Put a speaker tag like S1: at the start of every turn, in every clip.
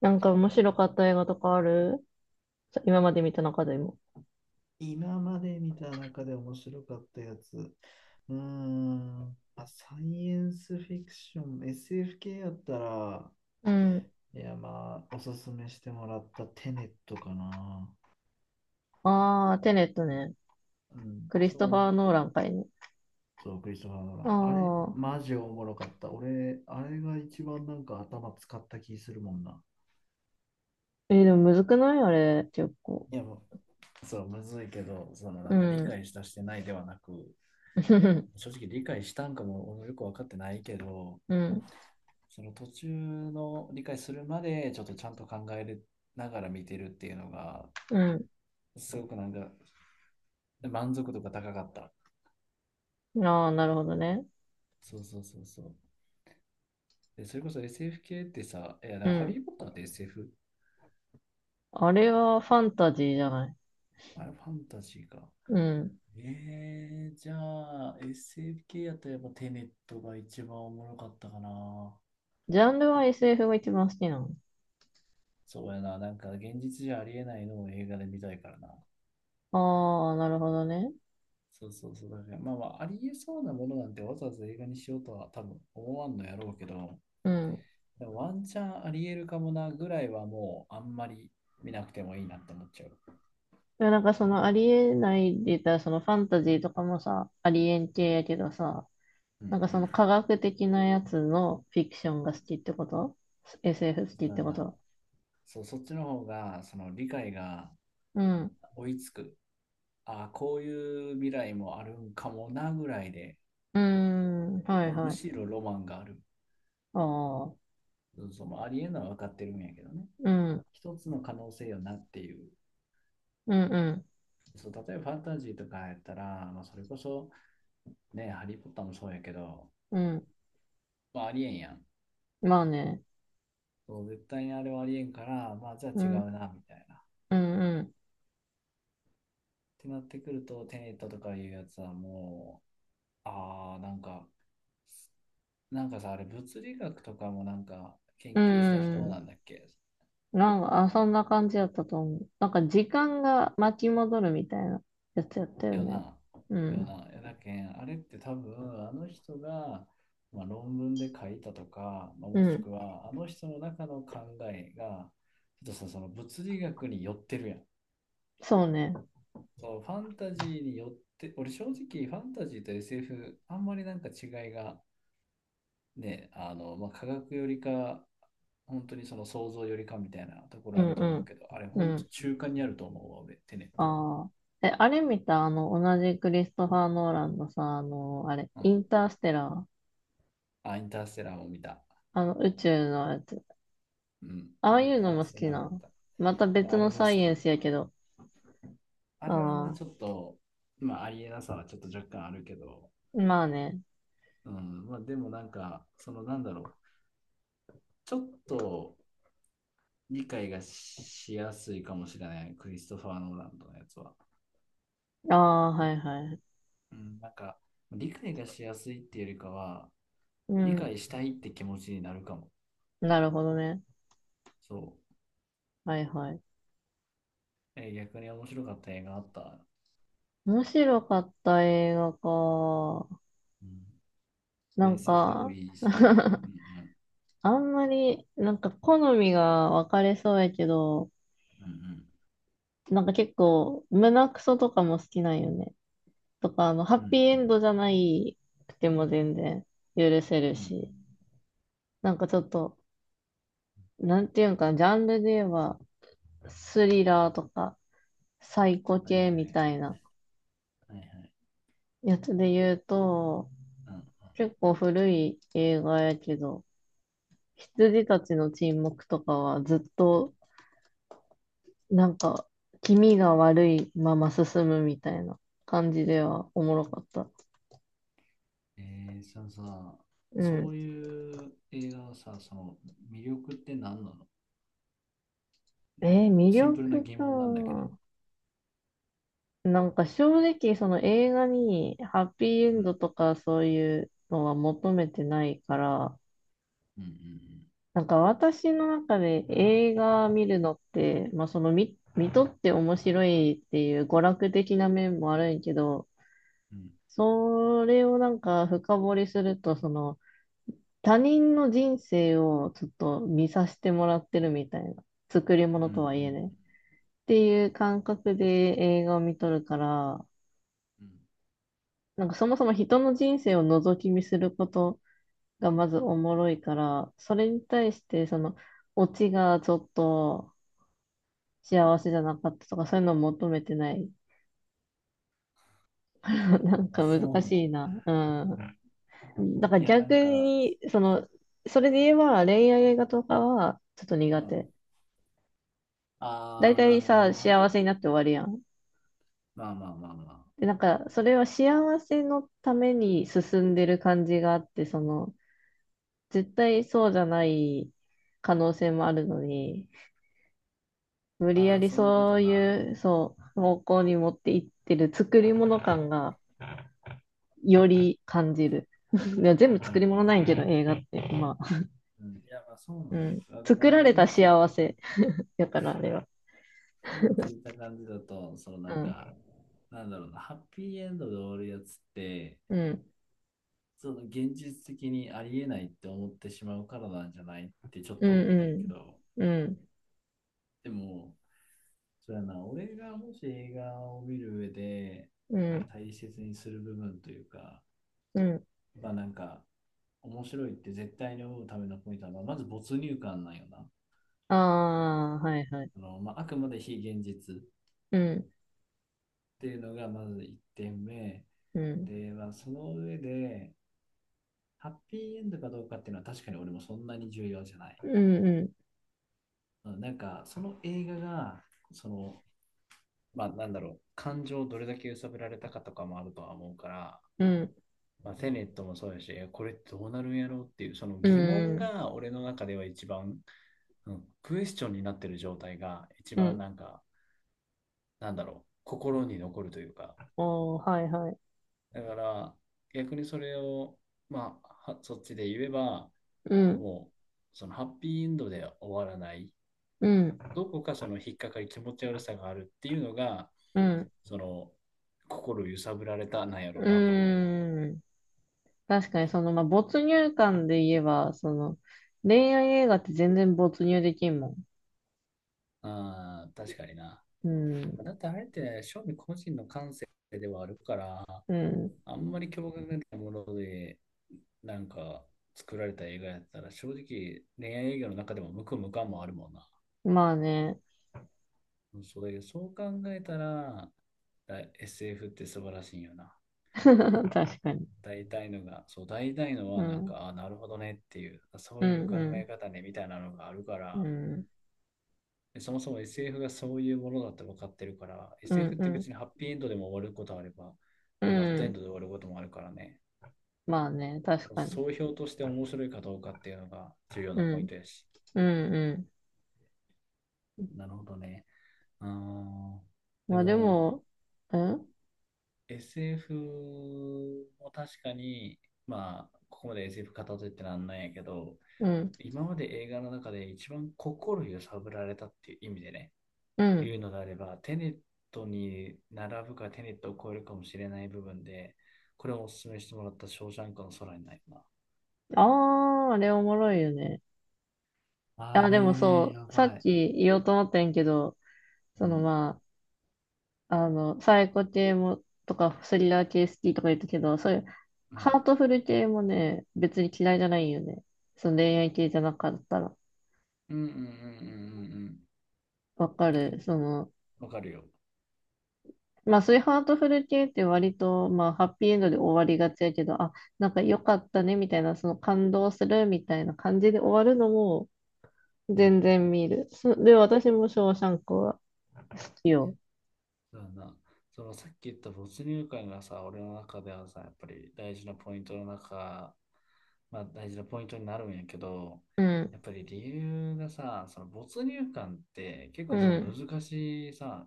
S1: なんか面白かった映画とかあるさ今まで見た中でも。
S2: 今まで見た中で面白かったやつ。うーん、まあ、サイエンスフィクション、SF 系やったら、
S1: うん。
S2: いや、まあ、おすすめしてもらったテネットかな。
S1: ああ、テネットね。
S2: うん、
S1: クリストファー・
S2: そ
S1: ノー
S2: う、
S1: ランかいね。
S2: そう、クリストファー・ノーラ
S1: あ
S2: ンあれ、
S1: あ。
S2: マジおもろかった。俺、あれが一番なんか頭使った気するもんな。
S1: でもむずくないあれ、結構。
S2: いやもう、そう、むずいけど、そのな
S1: う
S2: んか理
S1: ん。
S2: 解したしてないではなく、正 直理解したんかも俺もよく分かってないけど、
S1: うん。
S2: その途中の理解するまでちょっとちゃんと考えながら見てるっていうのが
S1: う
S2: すごくなんか満足度が高かった。
S1: ん。ああ、なるほどね。
S2: そうそうそうそう。で、それこそ SF 系ってさ、いや、だか
S1: う
S2: らハリ
S1: ん。
S2: ー・ポッターって SF？
S1: あれはファンタジーじゃない。
S2: あれファンタジーか。
S1: うん。
S2: じゃあ SF 系やったらやっぱテネットが一番おもろかったかな。
S1: ジャンルは SF が一番好きなの。
S2: そうやな、なんか現実じゃありえないのを映画で見たいからな。
S1: ああ、なるほどね。
S2: そうそうそう。だからまあまあ、ありえそうなものなんてわざわざ映画にしようとは多分思わんのやろうけど、
S1: うん。
S2: ワンチャンありえるかもなぐらいはもうあんまり見なくてもいいなって思っちゃう。
S1: でもなんかそのありえないで言ったら、そのファンタジーとかもさ、ありえん系やけどさ、
S2: うんうんう
S1: な
S2: ん。
S1: んかその科学的なやつのフィクションが好きってこと？ SF 好き
S2: そう
S1: っ
S2: だ
S1: てこ
S2: な。
S1: と
S2: そう、そっちの方がその理解が
S1: うん。
S2: 追いつく。ああ、こういう未来もあるんかもなぐらいで、
S1: うーん。はい
S2: とむ
S1: は
S2: し
S1: い。
S2: ろロマンがある。
S1: ああ。
S2: そうそう、まあありえんのは分かってるんやけどね。
S1: うん。
S2: 一つの可能性よなっていう。
S1: うん
S2: そう、例えばファンタジーとかやったら、まあ、それこそね、ハリー・ポッターもそうやけど、
S1: うん。うん。
S2: まあ、ありえんやん。
S1: まあね。
S2: そう、絶対にあれはありえんから、まあ、じゃあ
S1: う
S2: 違う
S1: ん。
S2: な、みたいな。
S1: うんうん。
S2: てなってくると、テネットとかいうやつはもう、ああ、なんか、なんかさ、あれ、物理学とかもなんか
S1: う
S2: 研究した人な
S1: ん。
S2: んだっけ
S1: なんか、そんな感じやったと思う。なんか時間が巻き戻るみたいなやつやったよ
S2: よ
S1: ね。
S2: な、
S1: うん。
S2: よなけん、あれって多分、あの人が、まあ、論文で書いたとか、まあ、
S1: う
S2: もし
S1: ん。
S2: くは、あの人の中の考えが、ちょっとさ、その物理学に寄ってるやん。
S1: そうね。
S2: そう、ファンタジーに寄って、俺正直ファンタジーと SF、あんまりなんか違いがね、まあ、科学よりか、本当にその想像よりかみたいなとこ
S1: う
S2: ろあ
S1: ん
S2: る
S1: う
S2: と思うけど、あれ、
S1: ん。う
S2: 本当
S1: ん。
S2: 中間にあると思うわ、俺、テネット
S1: ああ。え、あれ見た、同じクリストファー・ノーランのさ、あの、あれ、
S2: は。う
S1: イン
S2: ん。
S1: ターステラー、
S2: あ、インターステラーも見た。
S1: 宇宙のやつ。
S2: うん。
S1: あ
S2: イ
S1: あい
S2: ン
S1: うの
S2: ター
S1: も好
S2: ステ
S1: き
S2: ラーも
S1: な。
S2: 見た。
S1: また別
S2: あれ
S1: の
S2: も
S1: サ
S2: 好
S1: イエ
S2: き。
S1: ンスやけど。
S2: あれはな、
S1: ああ、
S2: ちょっと、まあ、ありえなさはちょっと若干あるけど、
S1: まあね。
S2: うん。まあ、でもなんか、その、なんだろう。ちょっと理解がしやすいかもしれない、クリストファー・ノーランドのやつは。
S1: ああ、はいはい。
S2: うん。なんか、理解がしやすいっていうよりかは、
S1: う
S2: 理
S1: ん、
S2: 解したいって気持ちになるかも。
S1: なるほどね。
S2: そ
S1: はいはい。
S2: う。逆に面白かった映画あった。
S1: 面白かった映画か。
S2: うんまあ、
S1: なん
S2: SF でも
S1: か、
S2: いいし。うん
S1: あんまり、なんか好みが分かれそうやけど、
S2: うん
S1: なんか結構、胸クソとかも好きなんよね。とか、あの、ハ
S2: うんう
S1: ッピーエ
S2: ん
S1: ンドじゃないくても全然許せる
S2: うんう
S1: し、
S2: ん
S1: なんかちょっと、なんていうんかな、ジャンルで言えば、スリラーとか、サイコ
S2: はいは
S1: 系み
S2: い
S1: たいな
S2: はいはい。
S1: やつで言うと、
S2: うん
S1: 結構古い映画やけど、羊たちの沈黙とかはずっと、なんか、気味が悪いまま進むみたいな感じではおもろかった。
S2: そのさ、
S1: う
S2: そ
S1: ん。
S2: ういう映画のさ、その魅力って何なの。なんか
S1: 魅
S2: シンプルな
S1: 力
S2: 疑問なんだけ
S1: か。
S2: ど。
S1: なんか正直その映画にハッピーエ
S2: う
S1: ンド
S2: ん
S1: とかそういうのは求めてないから、
S2: うんうん
S1: なんか私の中で映画見るのって、まあその見とって面白いっていう娯楽的な面もあるんやけど、
S2: うん
S1: それをなんか深掘りすると、その他人の人生をちょっと見させてもらってるみたいな、作り
S2: うん
S1: 物
S2: うんう
S1: とはいえね。っ
S2: ん
S1: ていう感覚で映画を見とるから、
S2: うん。
S1: なんかそもそも人の人生を覗き見することがまずおもろいから、それに対してそのオチがちょっと幸せじゃなかったとかそういうのを求めてない。なん
S2: まあ、
S1: か
S2: そう
S1: 難
S2: な
S1: し
S2: の。
S1: いな。
S2: うん、
S1: うん。だから
S2: いや、な
S1: 逆
S2: んか、
S1: に、その、それで言えば恋愛映画とかはちょっと
S2: う
S1: 苦
S2: ん。
S1: 手。大
S2: ああ、な
S1: 体
S2: るほど
S1: さ、
S2: な。
S1: 幸せになって終わりやん。
S2: まあまあまあまあ。
S1: で、なんかそれは幸せのために進んでる感じがあって、その、絶対そうじゃない可能性もあるのに、無理や
S2: ああ、
S1: り
S2: そういうこ
S1: そ
S2: と
S1: う
S2: な。
S1: いう、そう、方向に持っていってる作り物感がより感じる。いや、全部
S2: なる
S1: 作
S2: ほ
S1: り
S2: ど
S1: 物な
S2: な。
S1: いけど、映画って。まあ、
S2: うん、いや、まあそうな
S1: う
S2: んだ
S1: ん。
S2: けど、あでも
S1: 作
S2: なん
S1: ら
S2: か
S1: れた
S2: 今聞い
S1: 幸
S2: た感
S1: せ。
S2: じ、
S1: だから、あれは。
S2: 今聞いた感じだと、その
S1: う
S2: なんか、
S1: ん。
S2: なんだろうな、ハッピーエンドで終わるやつって、
S1: うん。
S2: その現実的にありえないって思ってしまうからなんじゃないってちょっ
S1: う
S2: と思ったんやけ
S1: ん。
S2: ど、
S1: うん。
S2: でも、そうやな、俺がもし映画を見る上で
S1: うん。
S2: 大切にする部分というか、
S1: うん。
S2: まあなんか、面白いって絶対に思うためのポイントは、まあまず没入感なんよな。
S1: ああー、はいはい。
S2: まあ、あくまで非現実。
S1: うん。
S2: っていうのがまず1点目。
S1: うん。
S2: で、まあ、その上で、ハッピーエンドかどうかっていうのは確かに俺もそんなに重要じゃない。
S1: うん。うん。
S2: うんなんか、その映画が、その、まあ、なんだろう、感情をどれだけ揺さぶられたかとかもあるとは思うから、
S1: うん。
S2: まあ、テネットもそうやし、これどうなるんやろうっていう、その
S1: う
S2: 疑問
S1: ん。
S2: が俺の中では一番、うん、クエスチョンになってる状態が一
S1: う
S2: 番
S1: ん。
S2: なんか、なんだろう、心に残るというか、
S1: おー、はいはい。
S2: だから、逆にそれを、まあ、はそっちで言えば、
S1: うん。
S2: もう、そのハッピーエンドで終わらない、
S1: うん。
S2: どこかその引っかかり、気持ち悪さがあるっていうのが、
S1: うん。
S2: その、心揺さぶられたなんやろうなと思うわ。
S1: うん。確かに、その、まあ、没入感で言えば、その、恋愛映画って全然没入できんも
S2: ああ、確かにな。
S1: ん。うん。
S2: だってあれって、正味個人の感性ではあるから、
S1: うん。
S2: あんまり共感がないもので、なんか作られた映画やったら、正直恋愛映画の中でも無垢無感もあるもんな。
S1: まあね。
S2: それ、そう考えたら、あ SF って素晴らしいんよな。
S1: 確かに。
S2: 大体のが、そう、大体の
S1: う
S2: はなん
S1: ん。
S2: か、あ、なるほどねっていう、そ
S1: うん、
S2: ういう考
S1: う
S2: え
S1: ん。
S2: 方ねみたいなのがあるか
S1: う
S2: ら、
S1: ん。
S2: でそもそも SF がそういうものだって分かってるから、
S1: うん、
S2: SF っ
S1: う
S2: て別
S1: ん。
S2: にハッピーエンドでも終わることあれば、
S1: う
S2: ね、バッドエン
S1: ん
S2: ドで終わることもあるからね、
S1: まあね。確かに。
S2: 総評として面白いかどうかっていうのが重要
S1: う
S2: なポイン
S1: ん。
S2: トやし。
S1: うん、うん。
S2: なるほどね。うーん。で
S1: まあで
S2: も、
S1: も、うん
S2: SF も確かに、まあ、ここまで SF 語ってってなんないんやけど、
S1: うん。
S2: 今まで映画の中で一番心揺さぶられたっていう意味でね、
S1: う
S2: い
S1: ん。
S2: うのであれば、テネットに並ぶかテネットを超えるかもしれない部分で、これをお勧めしてもらったショーシャンクの空にないな。
S1: ああ、あれおもろいよね。
S2: あ
S1: あ、
S2: れ
S1: でも
S2: ね、
S1: そ
S2: や
S1: う、さ
S2: ば
S1: っ
S2: い。
S1: き言おうと思ったんやけど、
S2: う
S1: その
S2: ん。
S1: まあ、サイコ系も、スリラー系好きとか言ったけど、そういう、
S2: う
S1: ハ
S2: ん。
S1: ートフル系もね、別に嫌いじゃないよね。その恋愛系じゃなかったら。
S2: うんうんうんうんうん
S1: わかる。その、
S2: うん。わかるよ。
S1: まあそういうハートフル系って割と、まあハッピーエンドで終わりがちやけど、あ、なんか良かったねみたいな、その感動するみたいな感じで終わるのも
S2: う
S1: 全
S2: ん。
S1: 然見る。そで、私もショーシャンクは好きよ。
S2: だからな、そのさっき言った没入感がさ、俺の中ではさ、やっぱり大事なポイントの中、まあ大事なポイントになるんやけど、
S1: うん、
S2: やっぱり理由がさ、その没入感って結
S1: う
S2: 構その
S1: ん、
S2: 難しいさ、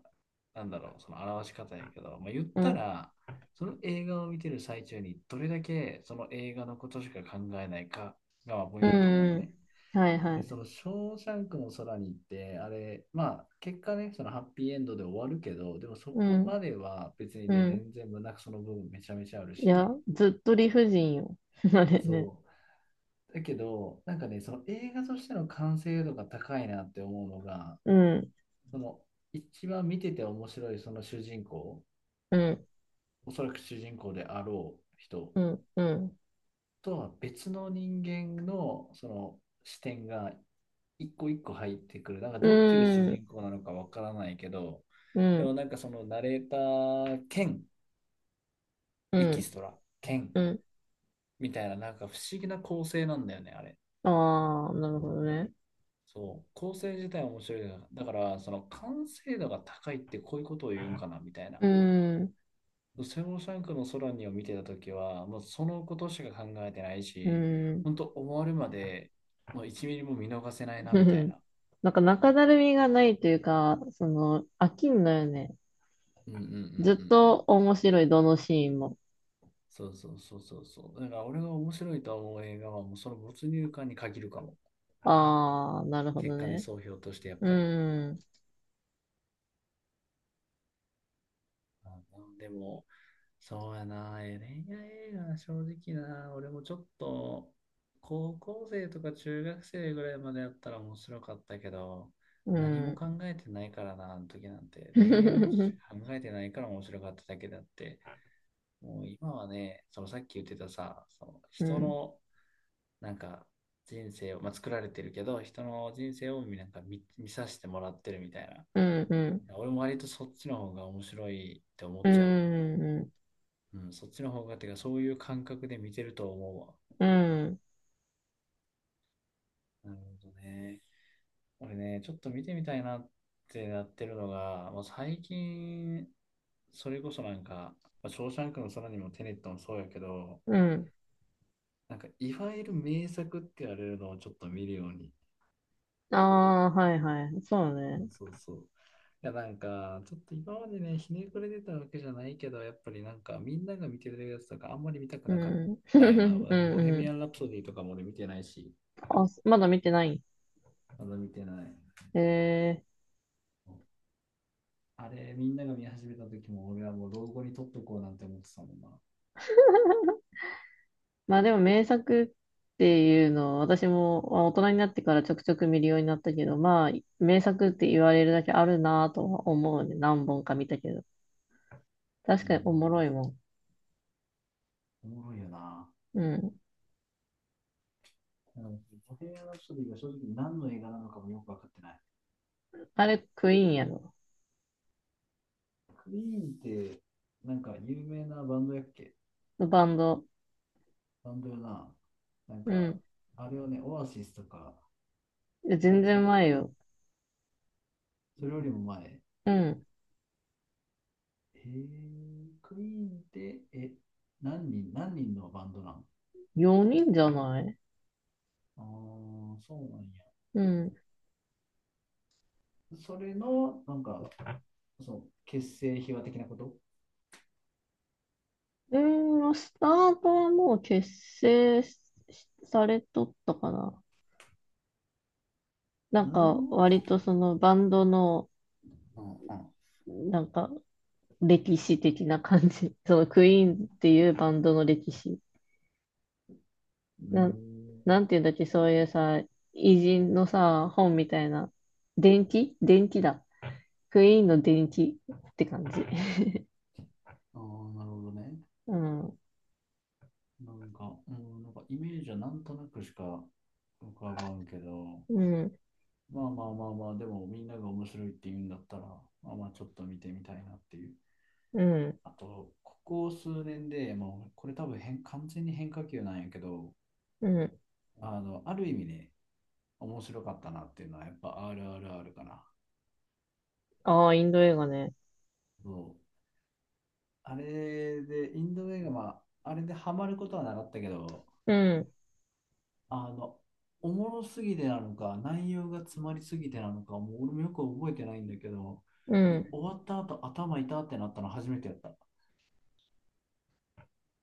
S2: なんだろう、その表し方やけど、まあ、言っ
S1: う
S2: た
S1: ん、
S2: ら、その映画を見てる最中にどれだけその映画のことしか考えないかがまあポイ
S1: う
S2: ン
S1: ん、
S2: トだと思うよ
S1: うん
S2: ね。
S1: はいは
S2: で、そ
S1: い。
S2: の、ショーシャンクの空に行って、あれ、まあ、結果ね、そのハッピーエンドで終わるけど、でもそ
S1: う
S2: こ
S1: ん、
S2: までは別に
S1: う
S2: ね、
S1: ん。
S2: 全然胸くその部分めちゃめちゃある
S1: いや、
S2: し、
S1: ずっと理不尽よ。あれね。
S2: そう。だけど、なんかね、その映画としての完成度が高いなって思うのが、
S1: うん、
S2: その、一番見てて面白いその主人公、
S1: うん、
S2: おそらく主人公であろう人
S1: うん、うん。
S2: とは別の人間のその視点が一個一個入ってくる。なんか
S1: う
S2: どっちが主
S1: ん、
S2: 人公なのかわからないけど、
S1: う
S2: でも
S1: ん、
S2: なんかそのナレーター兼
S1: う
S2: エキ
S1: ん、
S2: ストラ兼
S1: うん。
S2: みたいななんか不思議な構成なんだよね、あれ。
S1: ああ、なるほどね。
S2: そう。構成自体は面白いな。だからその完成度が高いってこういうことを言うんかなみたいな。
S1: うん、
S2: セモシャンクの空にを見てたときは、もうそのことしか考えてない
S1: う
S2: し、
S1: ん。
S2: 本当終わるまで、もう1ミリも見逃せないな
S1: ふ
S2: みたい
S1: ふ
S2: な。
S1: なんか中だるみがないというか、その、飽きんのよね。
S2: うんうんうんうんう
S1: ずっと
S2: ん。
S1: 面白い、どのシーンも。
S2: そうそうそうそうそう。だから俺が面白いと思う映画はもうその没入感に限るかも。
S1: ああ、なるほ
S2: 結
S1: ど
S2: 果ね、
S1: ね。
S2: 総評としてやっ
S1: う
S2: ぱり。
S1: ん、
S2: あ、でも、そうやな、恋愛映画、正直な、俺もちょっと、高校生とか中学生ぐらいまでやったら面白かったけど、
S1: う
S2: 何も
S1: ん。
S2: 考えてないからな、あの時なんて。
S1: う
S2: 恋愛のことし
S1: ん、
S2: か考えてないから面白かっただけであって、もう今はね、そのさっき言ってたさ、その
S1: う
S2: 人
S1: ん、
S2: のなんか人生を、まあ、作られてるけど、人の人生をなんか見させてもらってるみたい
S1: うん、うん、
S2: な。俺も割とそっちの方が面白いって思
S1: う
S2: っちゃう。
S1: ん、
S2: うん、そっちの方がっていうか、そういう感覚で見てると思うわ。
S1: うん。
S2: なるほどね。俺ね、ちょっと見てみたいなってなってるのが、まあ、最近、それこそなんか、まあ、ショーシャンクの空にもテネットもそうやけど、
S1: うん
S2: なんかいわゆる名作って言われるのをちょっと見るように。
S1: ああ、はいはい。そう
S2: そ
S1: ね。
S2: うそうそう。いや、なんか、ちょっと今までね、ひねくれてたわけじゃないけど、やっぱりなんか、みんなが見てるやつとか、あんまり見たく
S1: う
S2: なかっ
S1: ん。
S2: たよな。
S1: う
S2: ボヘ
S1: んう
S2: ミア
S1: ん。
S2: ン・ラプソディとかも俺見てないし、
S1: あ、すまだ見てない。
S2: まだ見てない。
S1: ええ
S2: あれ、みんなが見始めた時も、俺はもう老後に撮っとこうなんて思ってたもんな。
S1: まあでも名作っていうのは私もまあ大人になってからちょくちょく見るようになったけど、まあ名作って言われるだけあるなぁとは思うね。何本か見たけど。確
S2: う
S1: かにおもろ
S2: ん、
S1: いもん。
S2: おもろいよな。
S1: うん。
S2: なんかボヘミアン・ラプソディが正直何の映画なのかもよくわかってない。
S1: あれクイーンやろ。
S2: クイーンって、なんか有名なバンドやっけ？
S1: バンド。
S2: バンドよな。なん
S1: う
S2: か、
S1: ん。
S2: あれをね、オアシスとか、
S1: いや
S2: あ
S1: 全
S2: れ違っ
S1: 然
S2: たっ
S1: 前
S2: け？
S1: よ。
S2: それよりも前。へ
S1: うん。
S2: えー、クイーンって、何人のバンドなん？あ
S1: 4人じゃない
S2: あ、そうなんや。
S1: うん。
S2: それの、なんか、その、結成秘話的なこと。
S1: うーん、スタートはもう結成されとったかな。な
S2: う
S1: ん
S2: ー
S1: か、割
S2: ん。
S1: とそのバンドの、
S2: うん、うん。
S1: なんか、歴史的な感じ。そのクイーンっていうバンドの歴史。
S2: うー
S1: なん、
S2: ん。
S1: なんていうんだっけ、そういうさ、偉人のさ、本みたいな。伝記だ。クイーンの伝記って感じ。
S2: ああ、なるほどね。
S1: うん、
S2: なんか、うん、なんかイメージはなんとなくしか浮かばんけど、
S1: うん、
S2: まあまあまあまあ、でもみんなが面白いって言うんだったら、まあまあちょっと見てみたいなっていう。
S1: うん、
S2: あと、ここ数年でもう、これ多分完全に変化球なんやけど、
S1: うん。
S2: ある意味ね、面白かったなっていうのは、やっぱ RRR かな。
S1: ああ、インド映画ね。
S2: そう。あれで、インド映画、まあ、あれでハマることはなかったけど、
S1: うん、
S2: あの、おもろすぎてなのか、内容が詰まりすぎてなのか、もう俺もよく覚えてないんだけど、
S1: う
S2: 終
S1: ん。
S2: わった後頭痛ってなったの初めてやった。